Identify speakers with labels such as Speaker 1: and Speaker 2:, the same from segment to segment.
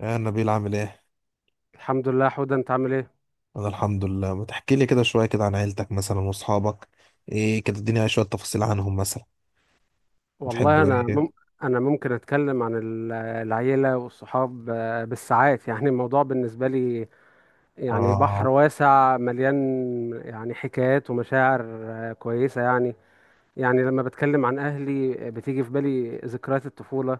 Speaker 1: يا نبيل عامل ايه؟
Speaker 2: الحمد لله حوده، انت عامل ايه؟
Speaker 1: انا الحمد لله، ما تحكي لي كده شوية كده عن عيلتك مثلا واصحابك، ايه كده اديني شوية تفاصيل عنهم مثلا؟
Speaker 2: والله
Speaker 1: بتحبوا
Speaker 2: انا
Speaker 1: ايه؟
Speaker 2: انا ممكن اتكلم عن العيله والصحاب، بالساعات يعني الموضوع بالنسبه لي، يعني بحر
Speaker 1: اه.
Speaker 2: واسع مليان يعني حكايات ومشاعر كويسه يعني. يعني لما بتكلم عن اهلي بتيجي في بالي ذكريات الطفوله،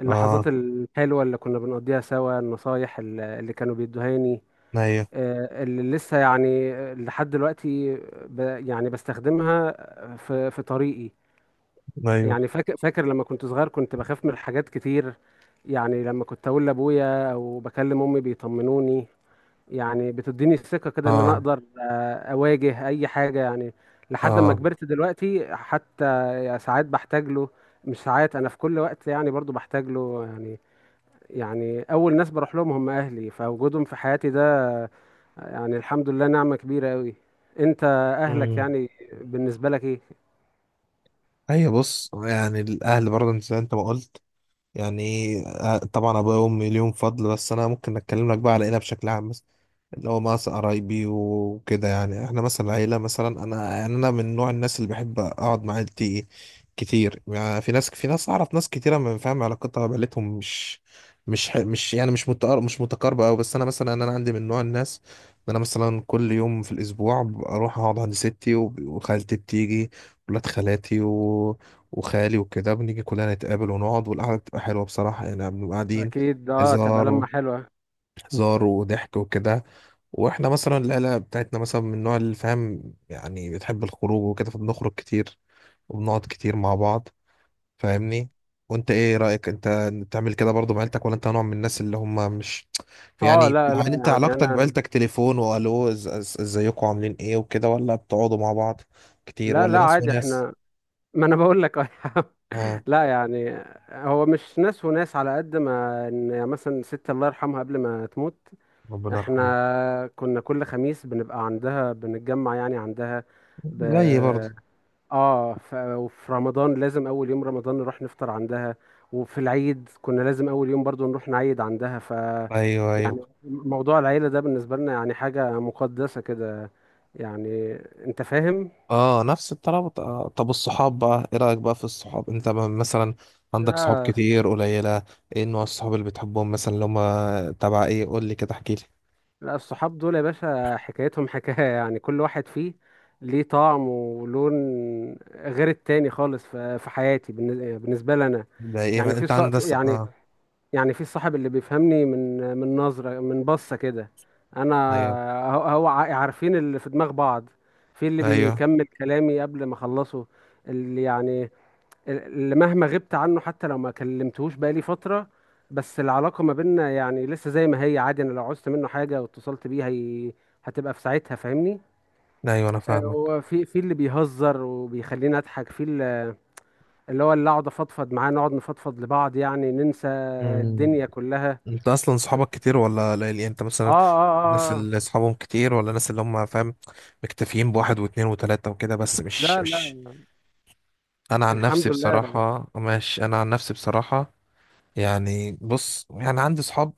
Speaker 2: اللحظات
Speaker 1: اه.
Speaker 2: الحلوه اللي كنا بنقضيها سوا، النصايح اللي كانوا بيدوهاني
Speaker 1: ايوه.
Speaker 2: اللي لسه يعني لحد دلوقتي يعني بستخدمها في طريقي.
Speaker 1: ايوه.
Speaker 2: يعني فاكر لما كنت صغير كنت بخاف من حاجات كتير، يعني لما كنت اقول لابويا او بكلم امي بيطمنوني، يعني بتديني الثقة كده ان انا
Speaker 1: اه.
Speaker 2: اقدر اواجه اي حاجة يعني. لحد ما
Speaker 1: اه.
Speaker 2: كبرت دلوقتي حتى ساعات بحتاج له، مش ساعات، انا في كل وقت يعني برضو بحتاج له يعني. يعني اول ناس بروح لهم هم اهلي، فوجودهم في حياتي ده يعني الحمد لله نعمة كبيرة قوي. انت اهلك
Speaker 1: امم،
Speaker 2: يعني بالنسبة لك ايه؟
Speaker 1: ايوه بص، يعني الاهل برضه زي انت ما قلت، يعني طبعا ابويا وامي ليهم فضل. بس انا ممكن اتكلم لك بقى على العيله بشكل عام، اللي هو مع قرايبي وكده. يعني احنا مثلا عيلة، مثلا انا، يعني انا من نوع الناس اللي بحب اقعد مع عيلتي كتير. يعني في ناس اعرف، ناس كتيرة من فاهم علاقتها بعيلتهم مش مش ح- مش يعني مش متقر مش متقاربة أوي. بس انا مثلا انا عندي من نوع الناس ان انا مثلا كل يوم في الاسبوع اروح اقعد عند ستي، وخالتي بتيجي، ولاد خالاتي وخالي وكده، بنيجي كلنا نتقابل ونقعد، والقعدة بتبقى حلوة بصراحة. يعني بنبقى قاعدين،
Speaker 2: اكيد اه، تبقى
Speaker 1: هزار
Speaker 2: لمة
Speaker 1: و-
Speaker 2: حلوة.
Speaker 1: هزار وضحك وكده. واحنا مثلا العيله بتاعتنا مثلا من النوع اللي فاهم، يعني بتحب الخروج وكده، فبنخرج كتير وبنقعد كتير مع بعض، فاهمني؟ وانت ايه رايك؟ انت بتعمل كده برضو مع عيلتك، ولا انت نوع من الناس اللي هم مش،
Speaker 2: اه،
Speaker 1: يعني
Speaker 2: لا لا
Speaker 1: يعني انت
Speaker 2: يعني
Speaker 1: علاقتك
Speaker 2: انا.
Speaker 1: بعيلتك تليفون والو، ازيكم عاملين ايه وكده، ولا بتقعدوا مع بعض كتير،
Speaker 2: لا لا
Speaker 1: ولا ناس
Speaker 2: عادي
Speaker 1: وناس؟
Speaker 2: احنا. ما انا بقول لك اه يا عم.
Speaker 1: اه،
Speaker 2: لا يعني، هو مش ناس وناس، على قد ما ان يعني مثلا ست الله يرحمها قبل ما تموت
Speaker 1: ربنا يرحمه.
Speaker 2: احنا كنا كل خميس بنبقى عندها، بنتجمع يعني عندها ب...
Speaker 1: زيي برضه.
Speaker 2: اه وفي رمضان لازم اول يوم رمضان نروح نفطر عندها، وفي العيد كنا لازم اول يوم برضو نروح نعيد عندها، ف
Speaker 1: ايوه. ايوه.
Speaker 2: يعني موضوع العيلة ده بالنسبة لنا يعني حاجة مقدسة كده. يعني انت فاهم.
Speaker 1: اه، نفس الطلب. طب الصحاب بقى، ايه رأيك بقى في الصحاب؟ انت مثلا عندك صحاب
Speaker 2: لا
Speaker 1: كتير قليلة؟ ايه نوع الصحاب اللي بتحبهم مثلا؟ اللي هما تبع ايه؟ قول لي كده، احكي لي.
Speaker 2: لا، الصحاب دول يا باشا حكايتهم حكاية، يعني كل واحد فيه ليه طعم ولون غير التاني خالص في حياتي بالنسبة لي أنا.
Speaker 1: ده ايه،
Speaker 2: يعني
Speaker 1: ما انت عندك
Speaker 2: يعني،
Speaker 1: اه.
Speaker 2: يعني في الصاحب اللي بيفهمني من نظرة، من بصة كده. أنا،
Speaker 1: ايوه.
Speaker 2: هو هو عارفين اللي في دماغ بعض. في اللي
Speaker 1: ايوه.
Speaker 2: بيكمل كلامي قبل ما أخلصه، اللي يعني اللي مهما غبت عنه حتى لو ما كلمتهوش بقالي فترة بس العلاقة ما بيننا يعني لسه زي ما هي عادي، انا لو عوزت منه حاجة واتصلت بيه هتبقى في ساعتها فاهمني.
Speaker 1: ايوه انا فاهمك.
Speaker 2: هو في اللي بيهزر وبيخليني اضحك، في اللي اللي هو اللي اقعد افضفض معاه، نقعد نفضفض لبعض يعني ننسى
Speaker 1: مم.
Speaker 2: الدنيا كلها.
Speaker 1: انت اصلا
Speaker 2: في...
Speaker 1: صحابك كتير ولا قليل؟ يعني انت
Speaker 2: اه،
Speaker 1: مثلا
Speaker 2: اه.
Speaker 1: الناس
Speaker 2: اه
Speaker 1: اللي صحابهم كتير، ولا الناس اللي هم فاهم مكتفيين بواحد واتنين وتلاتة وكده بس، مش
Speaker 2: لا
Speaker 1: مش
Speaker 2: لا
Speaker 1: انا عن
Speaker 2: الحمد
Speaker 1: نفسي
Speaker 2: لله.
Speaker 1: بصراحة ماشي، انا عن نفسي بصراحة، يعني بص، يعني عندي صحاب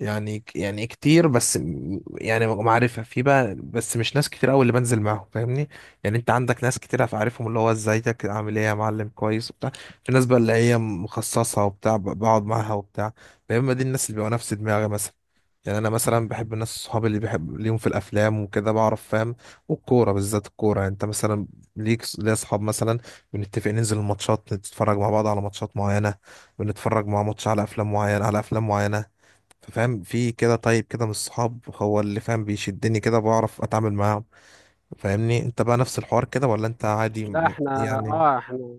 Speaker 1: يعني كتير، بس يعني معرفة في بقى، بس مش ناس كتير قوي اللي بنزل معاهم، فاهمني؟ يعني انت عندك ناس كتير عارفهم، اللي هو ازيك عامل ايه يا معلم كويس وبتاع. في ناس بقى اللي هي مخصصة وبتاع، بقعد معاها وبتاع. يا اما دي الناس اللي بيبقوا نفس دماغي مثلا. يعني انا مثلا بحب الناس، صحابي اللي بحب ليهم في الافلام وكده بعرف فاهم، والكوره بالذات الكوره. يعني انت مثلا ليك، ليا اصحاب مثلا بنتفق ننزل الماتشات، نتفرج مع بعض على ماتشات معينه، بنتفرج مع ماتش على افلام معينه، على افلام معينه. ففاهم في كده، طيب كده من الصحاب هو اللي فاهم بيشدني كده، بعرف اتعامل معاهم، فاهمني؟ انت بقى نفس الحوار كده، ولا انت عادي
Speaker 2: لا احنا
Speaker 1: يعني؟
Speaker 2: اه احنا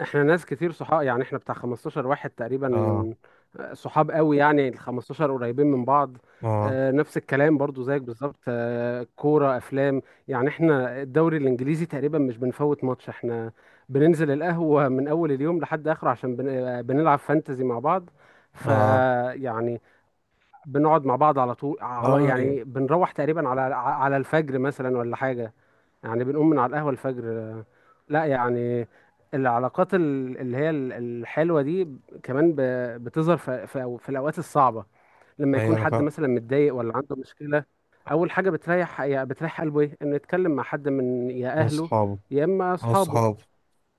Speaker 2: احنا ناس كتير صحاب، يعني احنا بتاع 15 واحد تقريبا.
Speaker 1: اه.
Speaker 2: صحاب قوي، يعني ال 15 قريبين من بعض.
Speaker 1: اه.
Speaker 2: نفس الكلام برضو زيك بالظبط، كورة، أفلام. يعني احنا الدوري الإنجليزي تقريبا مش بنفوت ماتش، احنا بننزل القهوة من أول اليوم لحد آخره عشان بنلعب فانتزي مع بعض.
Speaker 1: اه.
Speaker 2: فيعني بنقعد مع بعض على طول، على
Speaker 1: اه. ايوه.
Speaker 2: يعني بنروح تقريبا على الفجر مثلا ولا حاجة، يعني بنقوم من على القهوة الفجر. لا يعني العلاقات اللي هي الحلوة دي كمان بتظهر في الأوقات الصعبة. لما
Speaker 1: أيوة،
Speaker 2: يكون
Speaker 1: انا
Speaker 2: حد
Speaker 1: فاهم.
Speaker 2: مثلا متضايق ولا عنده مشكلة، أول حاجة بتريح بتريح قلبه إيه؟ إنه يتكلم مع حد من يا
Speaker 1: من
Speaker 2: أهله
Speaker 1: صحابه.
Speaker 2: يا إما
Speaker 1: من
Speaker 2: أصحابه.
Speaker 1: صحابه،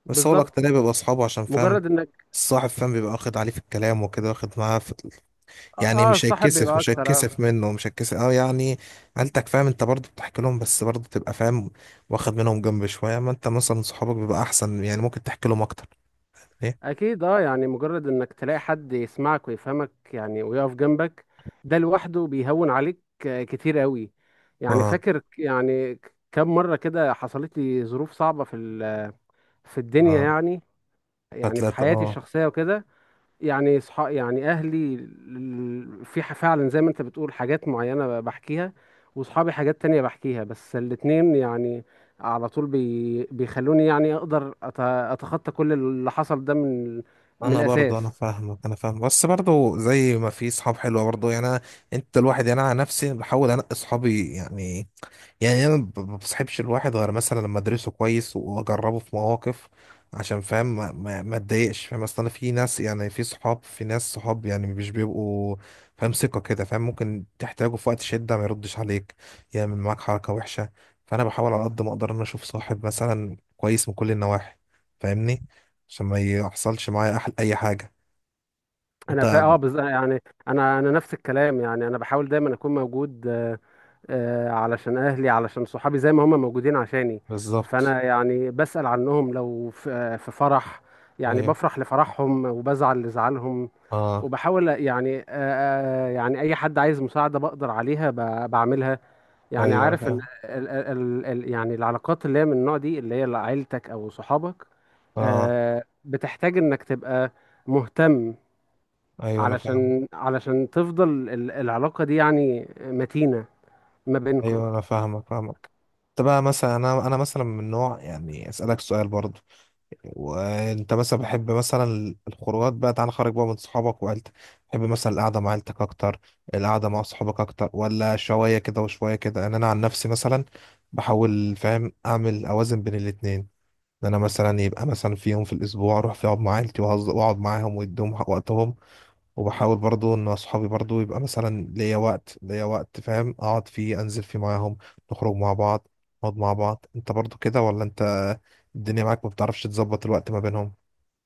Speaker 1: بس هو
Speaker 2: بالظبط،
Speaker 1: الاكترية بيبقى اصحابه عشان فاهم.
Speaker 2: مجرد إنك
Speaker 1: الصاحب فاهم بيبقى واخد عليه في الكلام وكده، واخد معاه،
Speaker 2: آه،
Speaker 1: يعني مش
Speaker 2: الصاحب
Speaker 1: هيتكسف،
Speaker 2: بيبقى
Speaker 1: مش
Speaker 2: أكتر.
Speaker 1: هيتكسف منه، مش هيتكسف اه، يعني عيلتك فاهم، انت برضه بتحكي لهم، بس برضه تبقى فاهم واخد منهم جنب شويه. ما انت مثلا صحابك بيبقى احسن، يعني ممكن تحكي لهم اكتر. ايه.
Speaker 2: اكيد اه، يعني مجرد انك تلاقي حد يسمعك ويفهمك يعني ويقف جنبك، ده لوحده بيهون عليك كتير قوي. يعني
Speaker 1: اه.
Speaker 2: فاكر يعني كم مرة كده حصلت لي ظروف صعبة في في الدنيا
Speaker 1: اه.
Speaker 2: يعني، يعني في
Speaker 1: فتلاقي
Speaker 2: حياتي
Speaker 1: اه.
Speaker 2: الشخصية وكده. يعني صح، يعني اهلي في فعلا زي ما انت بتقول حاجات معينه بحكيها، واصحابي حاجات تانية بحكيها، بس الاتنين يعني على طول بي بيخلوني يعني اقدر اتخطى كل اللي حصل ده من من
Speaker 1: انا برضه، انا
Speaker 2: الاساس.
Speaker 1: فاهمك، انا فاهم. بس برضه زي ما في صحاب حلوه برضه، يعني انا، انت الواحد، يعني انا عن نفسي بحاول انقي صحابي. يعني، يعني انا ما بصحبش الواحد غير مثلا لما ادرسه كويس واجربه في مواقف، عشان فاهم ما اتضايقش، فاهم. اصل انا في ناس، يعني في صحاب، في ناس صحاب يعني مش بيبقوا فاهم ثقة كده، فاهم ممكن تحتاجه في وقت شدة ما يردش عليك، يعمل معاك حركة وحشة. فانا بحاول على قد ما اقدر ان أنا اشوف صاحب مثلا كويس من كل النواحي، فاهمني؟ عشان ما يحصلش معايا اي حاجة.
Speaker 2: انا
Speaker 1: انت.
Speaker 2: فا اه يعني انا نفس الكلام، يعني انا بحاول دايما اكون موجود علشان اهلي علشان صحابي زي ما هم موجودين عشاني.
Speaker 1: بالظبط.
Speaker 2: فانا يعني بسأل عنهم، لو في في فرح يعني
Speaker 1: ايوه.
Speaker 2: بفرح لفرحهم وبزعل لزعلهم،
Speaker 1: اه.
Speaker 2: وبحاول يعني يعني اي حد عايز مساعده بقدر عليها بعملها. يعني
Speaker 1: ايوه انا
Speaker 2: عارف ان
Speaker 1: فاهم.
Speaker 2: ال يعني العلاقات اللي هي من النوع دي اللي هي عيلتك او صحابك
Speaker 1: اه.
Speaker 2: بتحتاج انك تبقى مهتم،
Speaker 1: ايوه انا فاهم.
Speaker 2: علشان علشان تفضل العلاقه دي يعني متينه ما بينكم.
Speaker 1: ايوه انا فاهمك، فاهمك. انت بقى مثلا، انا مثلا من نوع يعني اسالك سؤال برضو، وانت مثلا بحب مثلا الخروجات بقى، تعال خارج بقى من صحابك وعيلتك، بحب مثلا القعده مع عيلتك اكتر، القعده مع صحابك اكتر، ولا شويه كده وشويه كده؟ ان انا عن نفسي مثلا بحاول فاهم اعمل اوازن بين الاتنين. ان انا مثلا يبقى مثلا في يوم في الاسبوع اروح فيه اقعد مع عيلتي، واقعد معاهم واديهم وقتهم. وبحاول برضو ان اصحابي برضو يبقى مثلا ليا وقت، ليا وقت فاهم اقعد فيه انزل فيه معاهم، نخرج مع بعض، نقعد مع بعض. انت برضو كده، ولا انت الدنيا معاك ما بتعرفش تظبط الوقت ما بينهم؟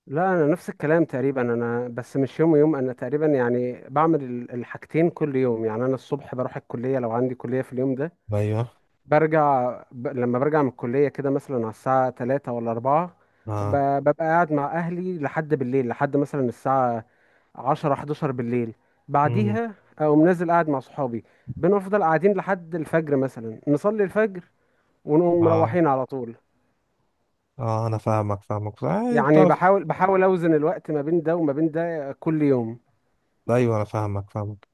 Speaker 2: لا انا نفس الكلام تقريبا، انا بس مش يوم ويوم، انا تقريبا يعني بعمل الحاجتين كل يوم. يعني انا الصبح بروح الكليه لو عندي كليه في اليوم ده،
Speaker 1: ايوه.
Speaker 2: برجع لما برجع من الكلية كده مثلا على الساعة تلاتة ولا أربعة
Speaker 1: اه.
Speaker 2: ببقى قاعد مع أهلي لحد بالليل، لحد مثلا الساعة عشرة حداشر بالليل،
Speaker 1: امم.
Speaker 2: بعديها أقوم نازل قاعد مع صحابي، بنفضل قاعدين لحد الفجر مثلا، نصلي الفجر ونقوم
Speaker 1: اه.
Speaker 2: مروحين على طول.
Speaker 1: اه انا فاهمك، فاهمك
Speaker 2: يعني
Speaker 1: بتعرف.
Speaker 2: بحاول أوزن الوقت ما بين ده وما بين ده كل يوم.
Speaker 1: ايوه انا فاهمك، فاهمك.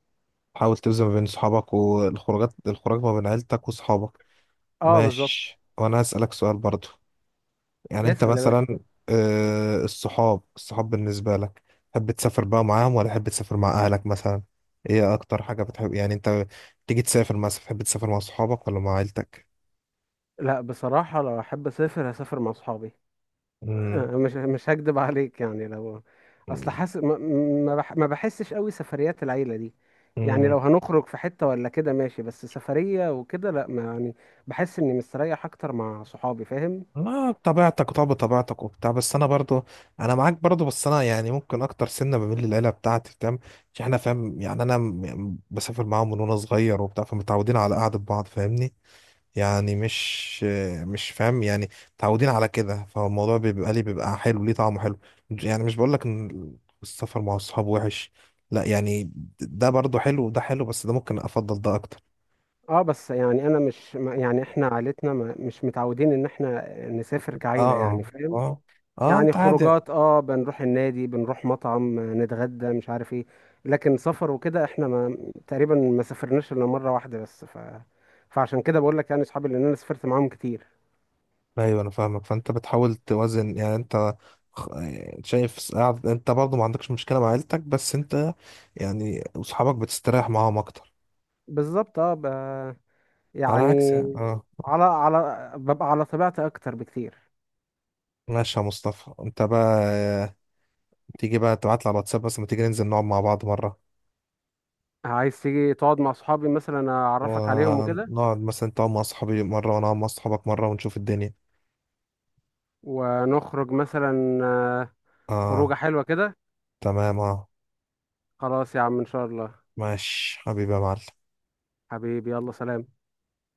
Speaker 1: حاول توزن ما بين صحابك والخروجات، الخروج ما بين عيلتك وصحابك.
Speaker 2: اه بالظبط.
Speaker 1: ماشي، وانا هسألك سؤال برضو. يعني انت
Speaker 2: اسأل يا باشا.
Speaker 1: مثلا الصحاب، الصحاب بالنسبة لك، تحب تسافر بقى معاهم، ولا تحب تسافر مع اهلك مثلا؟ ايه اكتر حاجة بتحب؟ يعني انت تيجي تسافر، مثلا تحب تسافر مع صحابك ولا مع عيلتك؟
Speaker 2: لا بصراحة لو أحب أسافر هسافر مع صحابي،
Speaker 1: امم.
Speaker 2: مش هكدب عليك، يعني لو اصل حاسس ما ما بحسش قوي سفريات العيله دي. يعني
Speaker 1: امم.
Speaker 2: لو هنخرج في حته ولا كده ماشي، بس سفريه وكده لا ما يعني بحس اني مستريح اكتر مع صحابي، فاهم.
Speaker 1: ما بطبيعتك، طب بطبيعتك وبتاع، بس انا برضو، انا معاك برضو، بس انا يعني ممكن اكتر سنة بميل للعيلة بتاعتي فاهم. عشان احنا فاهم يعني انا بسافر معاهم من وانا صغير وبتاع، فمتعودين على قعدة بعض فاهمني. يعني مش فاهم يعني متعودين على كده، فالموضوع بيبقى ليه، بيبقى حلو ليه طعمه حلو. يعني مش بقول لك ان السفر مع الصحاب وحش، لا يعني ده برضه حلو وده حلو، بس ده ممكن افضل ده اكتر.
Speaker 2: اه بس يعني انا مش يعني احنا عائلتنا مش متعودين ان احنا نسافر كعيله، يعني
Speaker 1: اه.
Speaker 2: فاهم.
Speaker 1: اه. اه،
Speaker 2: يعني
Speaker 1: انت عادي.
Speaker 2: خروجات اه بنروح النادي بنروح مطعم نتغدى مش عارف ايه، لكن سفر وكده احنا ما تقريبا ما سافرناش الا مره واحده بس، فعشان كده بقول لك يعني اصحابي لان انا سافرت معاهم كتير.
Speaker 1: ايوه انا فاهمك. فانت بتحاول توازن يعني انت خ- شايف انت برضه ما عندكش مشكلة مع عيلتك، بس انت يعني اصحابك بتستريح معاهم اكتر،
Speaker 2: بالظبط اه
Speaker 1: على
Speaker 2: يعني
Speaker 1: عكس يعني. اه.
Speaker 2: على ببقى على طبيعتي اكتر بكتير.
Speaker 1: ماشي يا مصطفى، انت بقى تيجي بقى تبعت لي على الواتساب، بس ما تيجي ننزل نقعد مع بعض مرة،
Speaker 2: عايز تيجي تقعد مع صحابي مثلا اعرفك عليهم وكده،
Speaker 1: ونقعد مثلا تقعد مع صحابي مرة، وأنا أقعد مع صحابك مرة، ونشوف الدنيا.
Speaker 2: ونخرج مثلا خروجه
Speaker 1: آه
Speaker 2: حلوه كده.
Speaker 1: تمام آه.
Speaker 2: خلاص يا عم ان شاء الله.
Speaker 1: ماشي حبيبي يا معلم.
Speaker 2: حبيبي يلا سلام.